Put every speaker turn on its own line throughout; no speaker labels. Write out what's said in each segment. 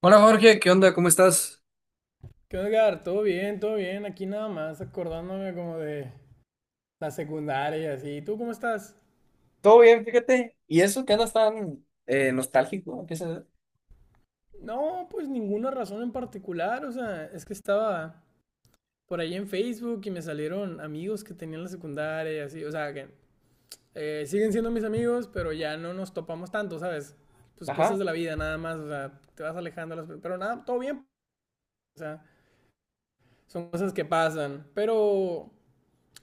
Hola Jorge, ¿qué onda? ¿Cómo estás?
¿Qué onda, Edgar? Todo bien, todo bien. Aquí nada más acordándome como de la secundaria y así. ¿Tú cómo estás?
Todo bien, fíjate. ¿Y eso que andas tan nostálgico? ¿Qué se?
No, pues ninguna razón en particular. O sea, es que estaba por ahí en Facebook y me salieron amigos que tenían la secundaria y así. O sea, que siguen siendo mis amigos, pero ya no nos topamos tanto, ¿sabes? Pues cosas
Ajá,
de la vida nada más. O sea, te vas alejando. Pero nada, todo bien. O sea, son cosas que pasan. Pero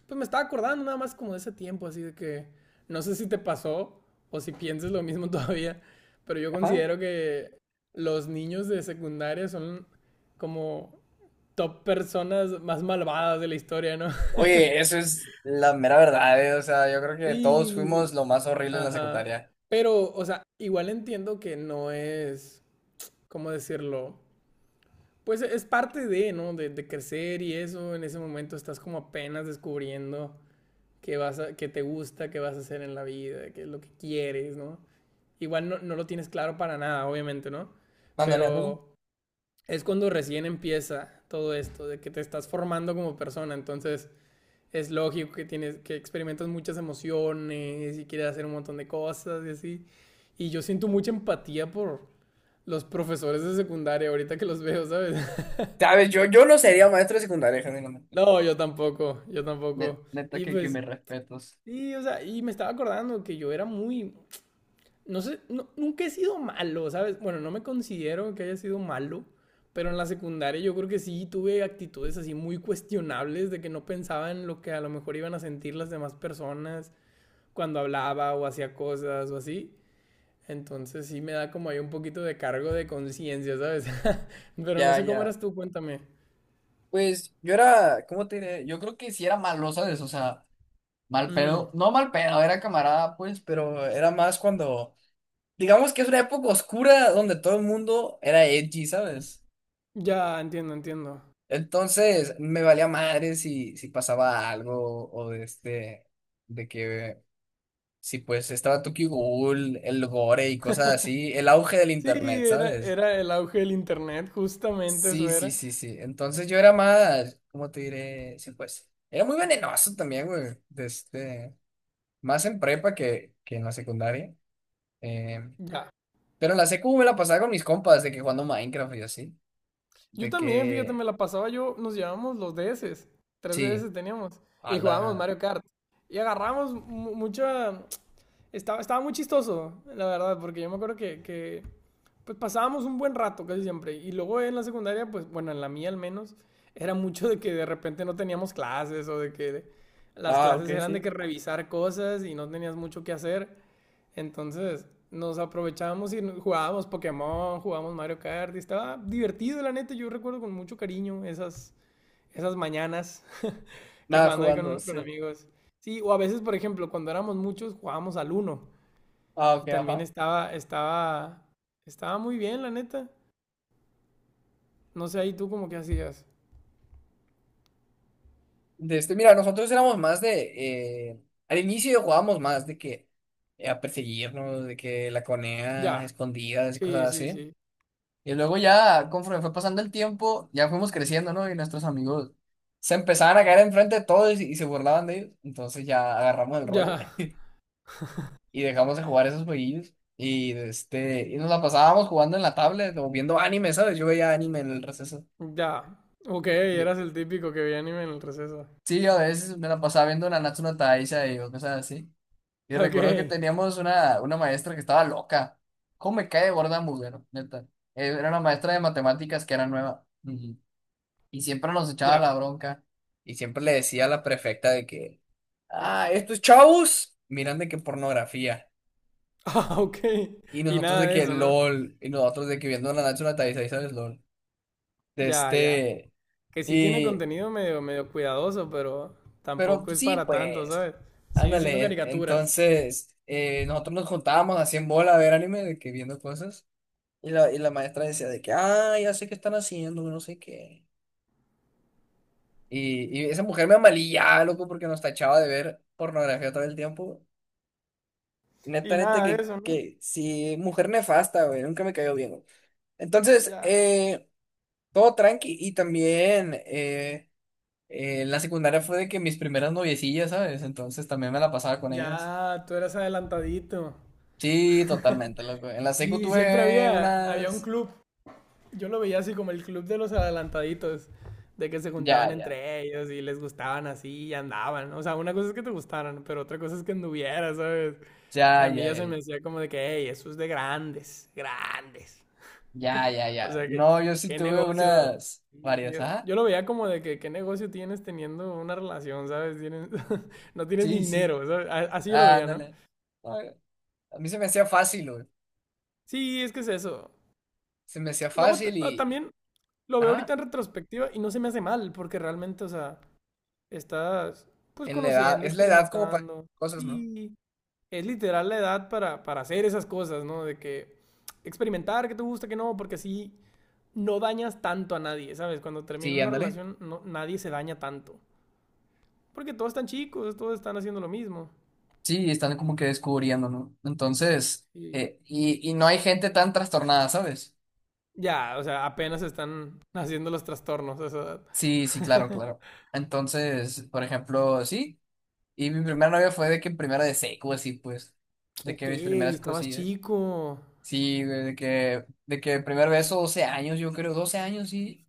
pues me estaba acordando nada más como de ese tiempo, así de que no sé si te pasó o si piensas lo mismo todavía, pero yo
ajá.
considero que los niños de secundaria son como top personas más malvadas de la historia, ¿no?
Oye, eso es la mera verdad, o sea, yo creo que todos fuimos
Sí,
lo más horrible en la
ajá.
secundaria.
Pero, o sea, igual entiendo que no es, ¿cómo decirlo? Pues es parte de, ¿no? De crecer y eso, en ese momento estás como apenas descubriendo qué, qué te gusta, qué vas a hacer en la vida, qué es lo que quieres, ¿no? Igual no lo tienes claro para nada, obviamente, ¿no?
Ándale, ándale.
Pero es cuando recién empieza todo esto, de que te estás formando como persona, entonces es lógico que que experimentas muchas emociones y quieres hacer un montón de cosas y así. Y yo siento mucha empatía por los profesores de secundaria ahorita que los veo, ¿sabes?
¿Sabes? Yo no sería maestro de secundaria, genuinamente.
No, yo tampoco, yo
Ne-
tampoco.
Neta
Y
que
pues,
me respetos.
sí, o sea, y me estaba acordando que yo era muy, no sé, nunca he sido malo, ¿sabes? Bueno, no me considero que haya sido malo, pero en la secundaria yo creo que sí tuve actitudes así muy cuestionables de que no pensaba en lo que a lo mejor iban a sentir las demás personas cuando hablaba o hacía cosas o así. Entonces sí me da como ahí un poquito de cargo de conciencia, ¿sabes? Pero no
Ya,
sé cómo
ya.
eras tú, cuéntame.
Pues yo era, ¿cómo te diré? Yo creo que sí era malo, ¿sabes? O sea, mal
Mm,
pedo. No mal pedo, era camarada, pues, pero era más cuando digamos que es una época oscura donde todo el mundo era edgy, ¿sabes?
ya, entiendo, entiendo.
Entonces me valía madre si pasaba algo o de que si pues estaba Tokyo Ghoul, el gore y cosas así, el auge del
Sí,
internet,
era,
¿sabes?
era el auge del internet, justamente eso
Sí, sí,
era.
sí, sí. Entonces yo era más, ¿cómo te diré? Sí, pues, era muy venenoso también, güey, más en prepa que en la secundaria. Eh,
Ya.
pero en la secu me la pasaba con mis compas, de que jugando Minecraft y así,
Yo
de
también, fíjate, me
que
la pasaba yo, nos llevábamos los DS, tres
Sí,
DS teníamos,
a
y jugábamos
la...
Mario Kart. Y agarramos mucha. Estaba muy chistoso, la verdad, porque yo me acuerdo que, pues pasábamos un buen rato casi siempre. Y luego en la secundaria, pues bueno, en la mía al menos, era mucho de que de repente no teníamos clases o de que las
Ah,
clases
ok,
eran de
sí.
que revisar cosas y no tenías mucho que hacer. Entonces nos aprovechábamos y jugábamos Pokémon, jugábamos Mario Kart y estaba divertido, la neta. Yo recuerdo con mucho cariño esas mañanas que
Nada,
jugando ahí
jugando,
con
sí.
amigos. Sí, o a veces, por ejemplo, cuando éramos muchos jugábamos al Uno
Ah,
y
ok,
también
ajá.
estaba muy bien, la neta. No sé, ahí tú como que hacías.
Mira, nosotros éramos más al inicio jugábamos más de que a perseguirnos, de que la conea,
Ya,
escondidas y
sí,
cosas
sí,
así.
sí.
Y luego ya, conforme fue pasando el tiempo, ya fuimos creciendo, ¿no? Y nuestros amigos se empezaban a caer enfrente de todos y se burlaban de ellos. Entonces ya agarramos el rollo
Ya,
y dejamos de jugar esos jueguillos. Y nos la pasábamos jugando en la tablet o viendo anime, ¿sabes? Yo veía anime en el receso.
ya. Ok,
de-
eras el típico que veía anime en el receso.
Sí, a veces me la pasaba viendo Nanatsu no Taizai o cosas así. Y
Ok,
recuerdo que teníamos una maestra que estaba loca. ¿Cómo me cae de gorda mujer, neta? Era una maestra de matemáticas que era nueva. Ujú. Y siempre nos echaba
ya.
la bronca. Y siempre le decía a la prefecta de que, ah, estos chavos miran de que pornografía.
Ah, ok.
Y
Y
nosotros
nada
de
de
que
eso, ¿no?
LOL. Y nosotros de que viendo Nanatsu no Taizai, ¿sabes? LOL. De
Ya, ya.
este.
Que sí tiene
Y.
contenido medio, medio cuidadoso, pero
Pero
tampoco es
sí,
para tanto,
pues,
¿sabes? Sigue siendo
ándale.
caricaturas.
Entonces, nosotros nos juntábamos así en bola a ver anime, de que viendo cosas. Y la maestra decía de que, ah, ya sé qué están haciendo, no sé qué. Y esa mujer me amalillaba, loco, porque nos tachaba de ver pornografía todo el tiempo.
Y
Neta, neta,
nada de
que,
eso, ¿no?
que sí, mujer nefasta, güey, nunca me cayó bien, güey. Entonces,
Ya.
todo tranqui. Y también, en la secundaria fue de que mis primeras noviecillas, ¿sabes? Entonces también me la pasaba con ellas.
Ya, tú eras adelantadito.
Sí, totalmente, loco. En la secu
Y siempre
tuve
había un
unas.
club, yo lo veía así como el club de los adelantaditos, de que se
Ya,
juntaban
ya.
entre ellos y les gustaban así y andaban. O sea, una cosa es que te gustaran, pero otra cosa es que anduvieras, ¿sabes?
Ya,
A mí
ya,
ya se
ya.
me hacía como de que, hey, eso es de grandes, grandes.
Ya, ya,
O
ya.
sea, que
No, yo sí
qué
tuve
negocio.
unas.
Sí,
Varias,
Yo
ajá.
yo lo veía como de que qué negocio tienes teniendo una relación, ¿sabes? No tienes ni
Sí, sí.
dinero, ¿sabes? Así yo lo
Ah,
veía, ¿no?
ándale. No, a mí se me hacía fácil, güey.
Sí, es que es eso.
Se me hacía
Luego
fácil y.
también lo veo ahorita
Ajá.
en retrospectiva y no se me hace mal, porque realmente, o sea, estás pues
En la edad.
conociendo,
Es la edad como para
experimentando.
cosas, ¿no?
Sí, es literal la edad para hacer esas cosas, ¿no? De que experimentar, que te gusta, que no, porque así no dañas tanto a nadie, ¿sabes? Cuando termina
Sí,
una
ándale.
relación, no, nadie se daña tanto. Porque todos están chicos, todos están haciendo lo mismo.
Sí, están como que descubriendo, ¿no? Entonces.
Sí.
eh, y, y no hay gente tan trastornada, ¿sabes?
Ya, o sea, apenas están haciendo los trastornos a esa edad.
Sí, sí, claro, claro. Entonces, por ejemplo, sí. Y mi primera novia fue de que en primera de seco, así pues. De que
Ok,
mis primeras
estabas
cosillas.
chico.
Sí, güey, de que el primer beso, 12 años, yo creo, 12 años, sí.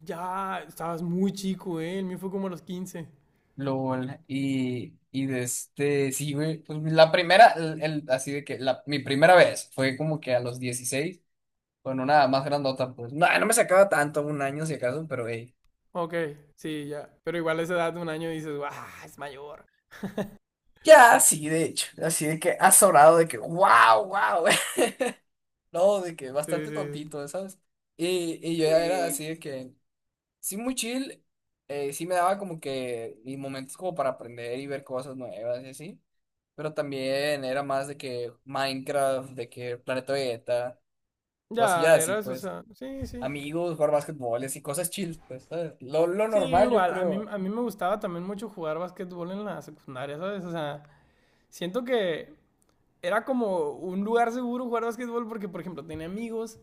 Ya, estabas muy chico, ¿eh? El mío fue como a los 15.
LOL. Y sí, güey. Pues la primera, así de que mi primera vez fue como que a los 16 con una más grandota, pues. No, no me sacaba tanto, 1 año si acaso, pero hey.
Ok, sí, ya. Pero igual a esa edad de un año dices, ¡ah! Es mayor.
Ya, sí, de hecho. Así de que azorado, de que wow, wow. No, de que
Sí, sí,
bastante
sí.
tontito, ¿sabes? Y yo ya era
Sí,
así de que. Sí muy chill, sí me daba como que y momentos como para aprender y ver cosas nuevas y así, pero también era más de que Minecraft, de que Planeta Vegeta,
ya,
cosillas así,
era eso, o
pues,
sea, sí, sí.
amigos, jugar básquetbol, y cosas chill, pues, ¿sabes? Lo
Sí,
normal yo
igual, a mí,
creo,
a mí me gustaba también mucho jugar básquetbol en la secundaria, ¿sabes? O sea, siento que era como un lugar seguro jugar básquetbol porque, por ejemplo, tenía amigos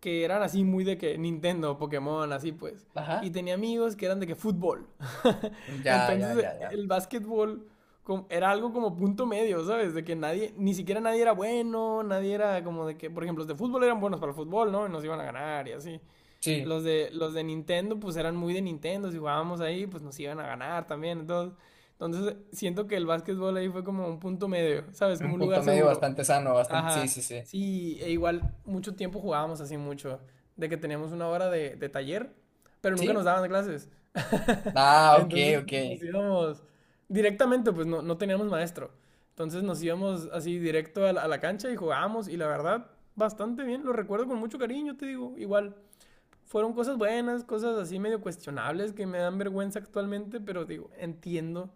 que eran así muy de que Nintendo, Pokémon, así pues. Y
ajá,
tenía amigos que eran de que fútbol.
ya, ya,
Entonces
ya, ya,
el básquetbol era algo como punto medio, ¿sabes? De que nadie, ni siquiera nadie era bueno, nadie era como de que, por ejemplo, los de fútbol eran buenos para el fútbol, ¿no? Y nos iban a ganar y así.
sí,
Los de Nintendo, pues eran muy de Nintendo, si jugábamos ahí, pues nos iban a ganar también. Entonces siento que el básquetbol ahí fue como un punto medio, ¿sabes?
un
Como un
punto
lugar
medio
seguro.
bastante sano, bastante, sí,
Ajá,
sí, sí,
sí, e igual mucho tiempo jugábamos así mucho, de que teníamos una hora de taller, pero nunca nos
sí,
daban clases.
ah, ok,
Entonces
ok,
nos íbamos directamente, pues no teníamos maestro. Entonces nos íbamos así directo a la cancha y jugábamos y la verdad, bastante bien, lo recuerdo con mucho cariño, te digo, igual. Fueron cosas buenas, cosas así medio cuestionables que me dan vergüenza actualmente, pero digo, entiendo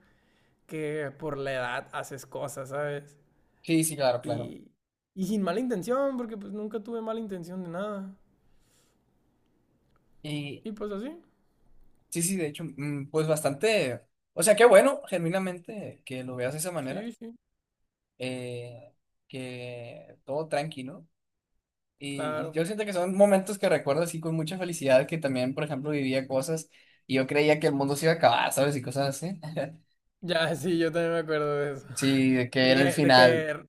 que por la edad haces cosas, ¿sabes?
sí, sí, claro, claro.
Y, y sin mala intención, porque pues nunca tuve mala intención de nada.
Y,
Y pues así,
Sí, sí, de hecho, pues bastante, o sea, qué bueno, genuinamente, que lo veas de esa manera,
sí, sí,
eh, que todo tranquilo. Y
claro.
yo siento que son momentos que recuerdo así con mucha felicidad, que también, por ejemplo, vivía cosas y yo creía que el mundo se iba a acabar, ¿sabes? Y cosas así.
Ya, sí, yo también me acuerdo de eso.
Sí, de que
De
era el
que, de
final,
que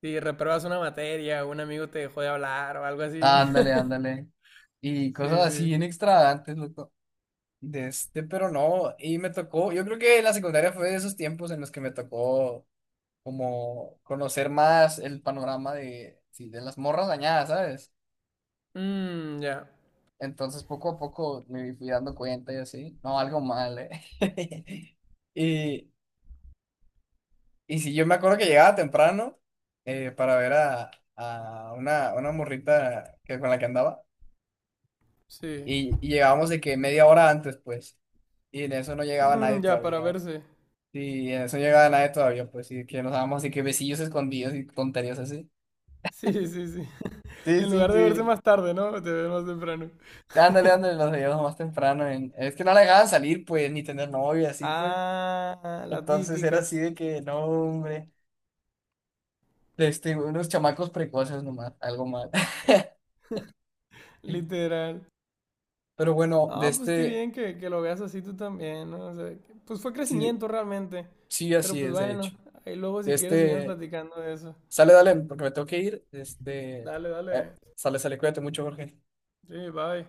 si repruebas una materia, un amigo te dejó de hablar o algo así.
ándale, ándale. Y cosas
Sí,
así
sí.
bien extravagantes, loco. Pero no, y me tocó, yo creo que la secundaria fue de esos tiempos en los que me tocó. Como conocer más el panorama de, sí, de las morras dañadas, ¿sabes?
Mmm, ya,
Entonces poco a poco me fui dando cuenta y así, no, algo mal, ¿eh? Y, y sí, yo me acuerdo que llegaba temprano para ver a, una morrita que, con la que andaba
sí.
y llegábamos de que media hora antes, pues, y en eso no llegaba nadie
Mm, ya, para
todavía.
verse.
Y en eso no llegaba nadie todavía, pues, y que nos dábamos así que besillos escondidos y tonterías así.
Sí, sí, sí.
Sí,
En
sí,
lugar de verse
sí.
más tarde, ¿no? Te ves más temprano.
Ándale, ándale, los veíamos más temprano. Es que no la dejaban salir, pues, ni tener novia, así pues.
Ah, la
Entonces era
típica,
así de que, no, hombre, unos chamacos precoces nomás, algo mal.
literal.
Pero bueno,
Ah, pues qué bien que lo veas así tú también, ¿no? O sea, pues fue
sí,
crecimiento realmente.
sí,
Pero
así
pues
es, de
bueno,
hecho.
ahí luego si
De
quieres seguimos
este,
platicando de eso.
sale, dale, porque me tengo que ir.
Dale,
Eh,
dale.
sale, sale, cuídate mucho, Jorge.
Sí, bye.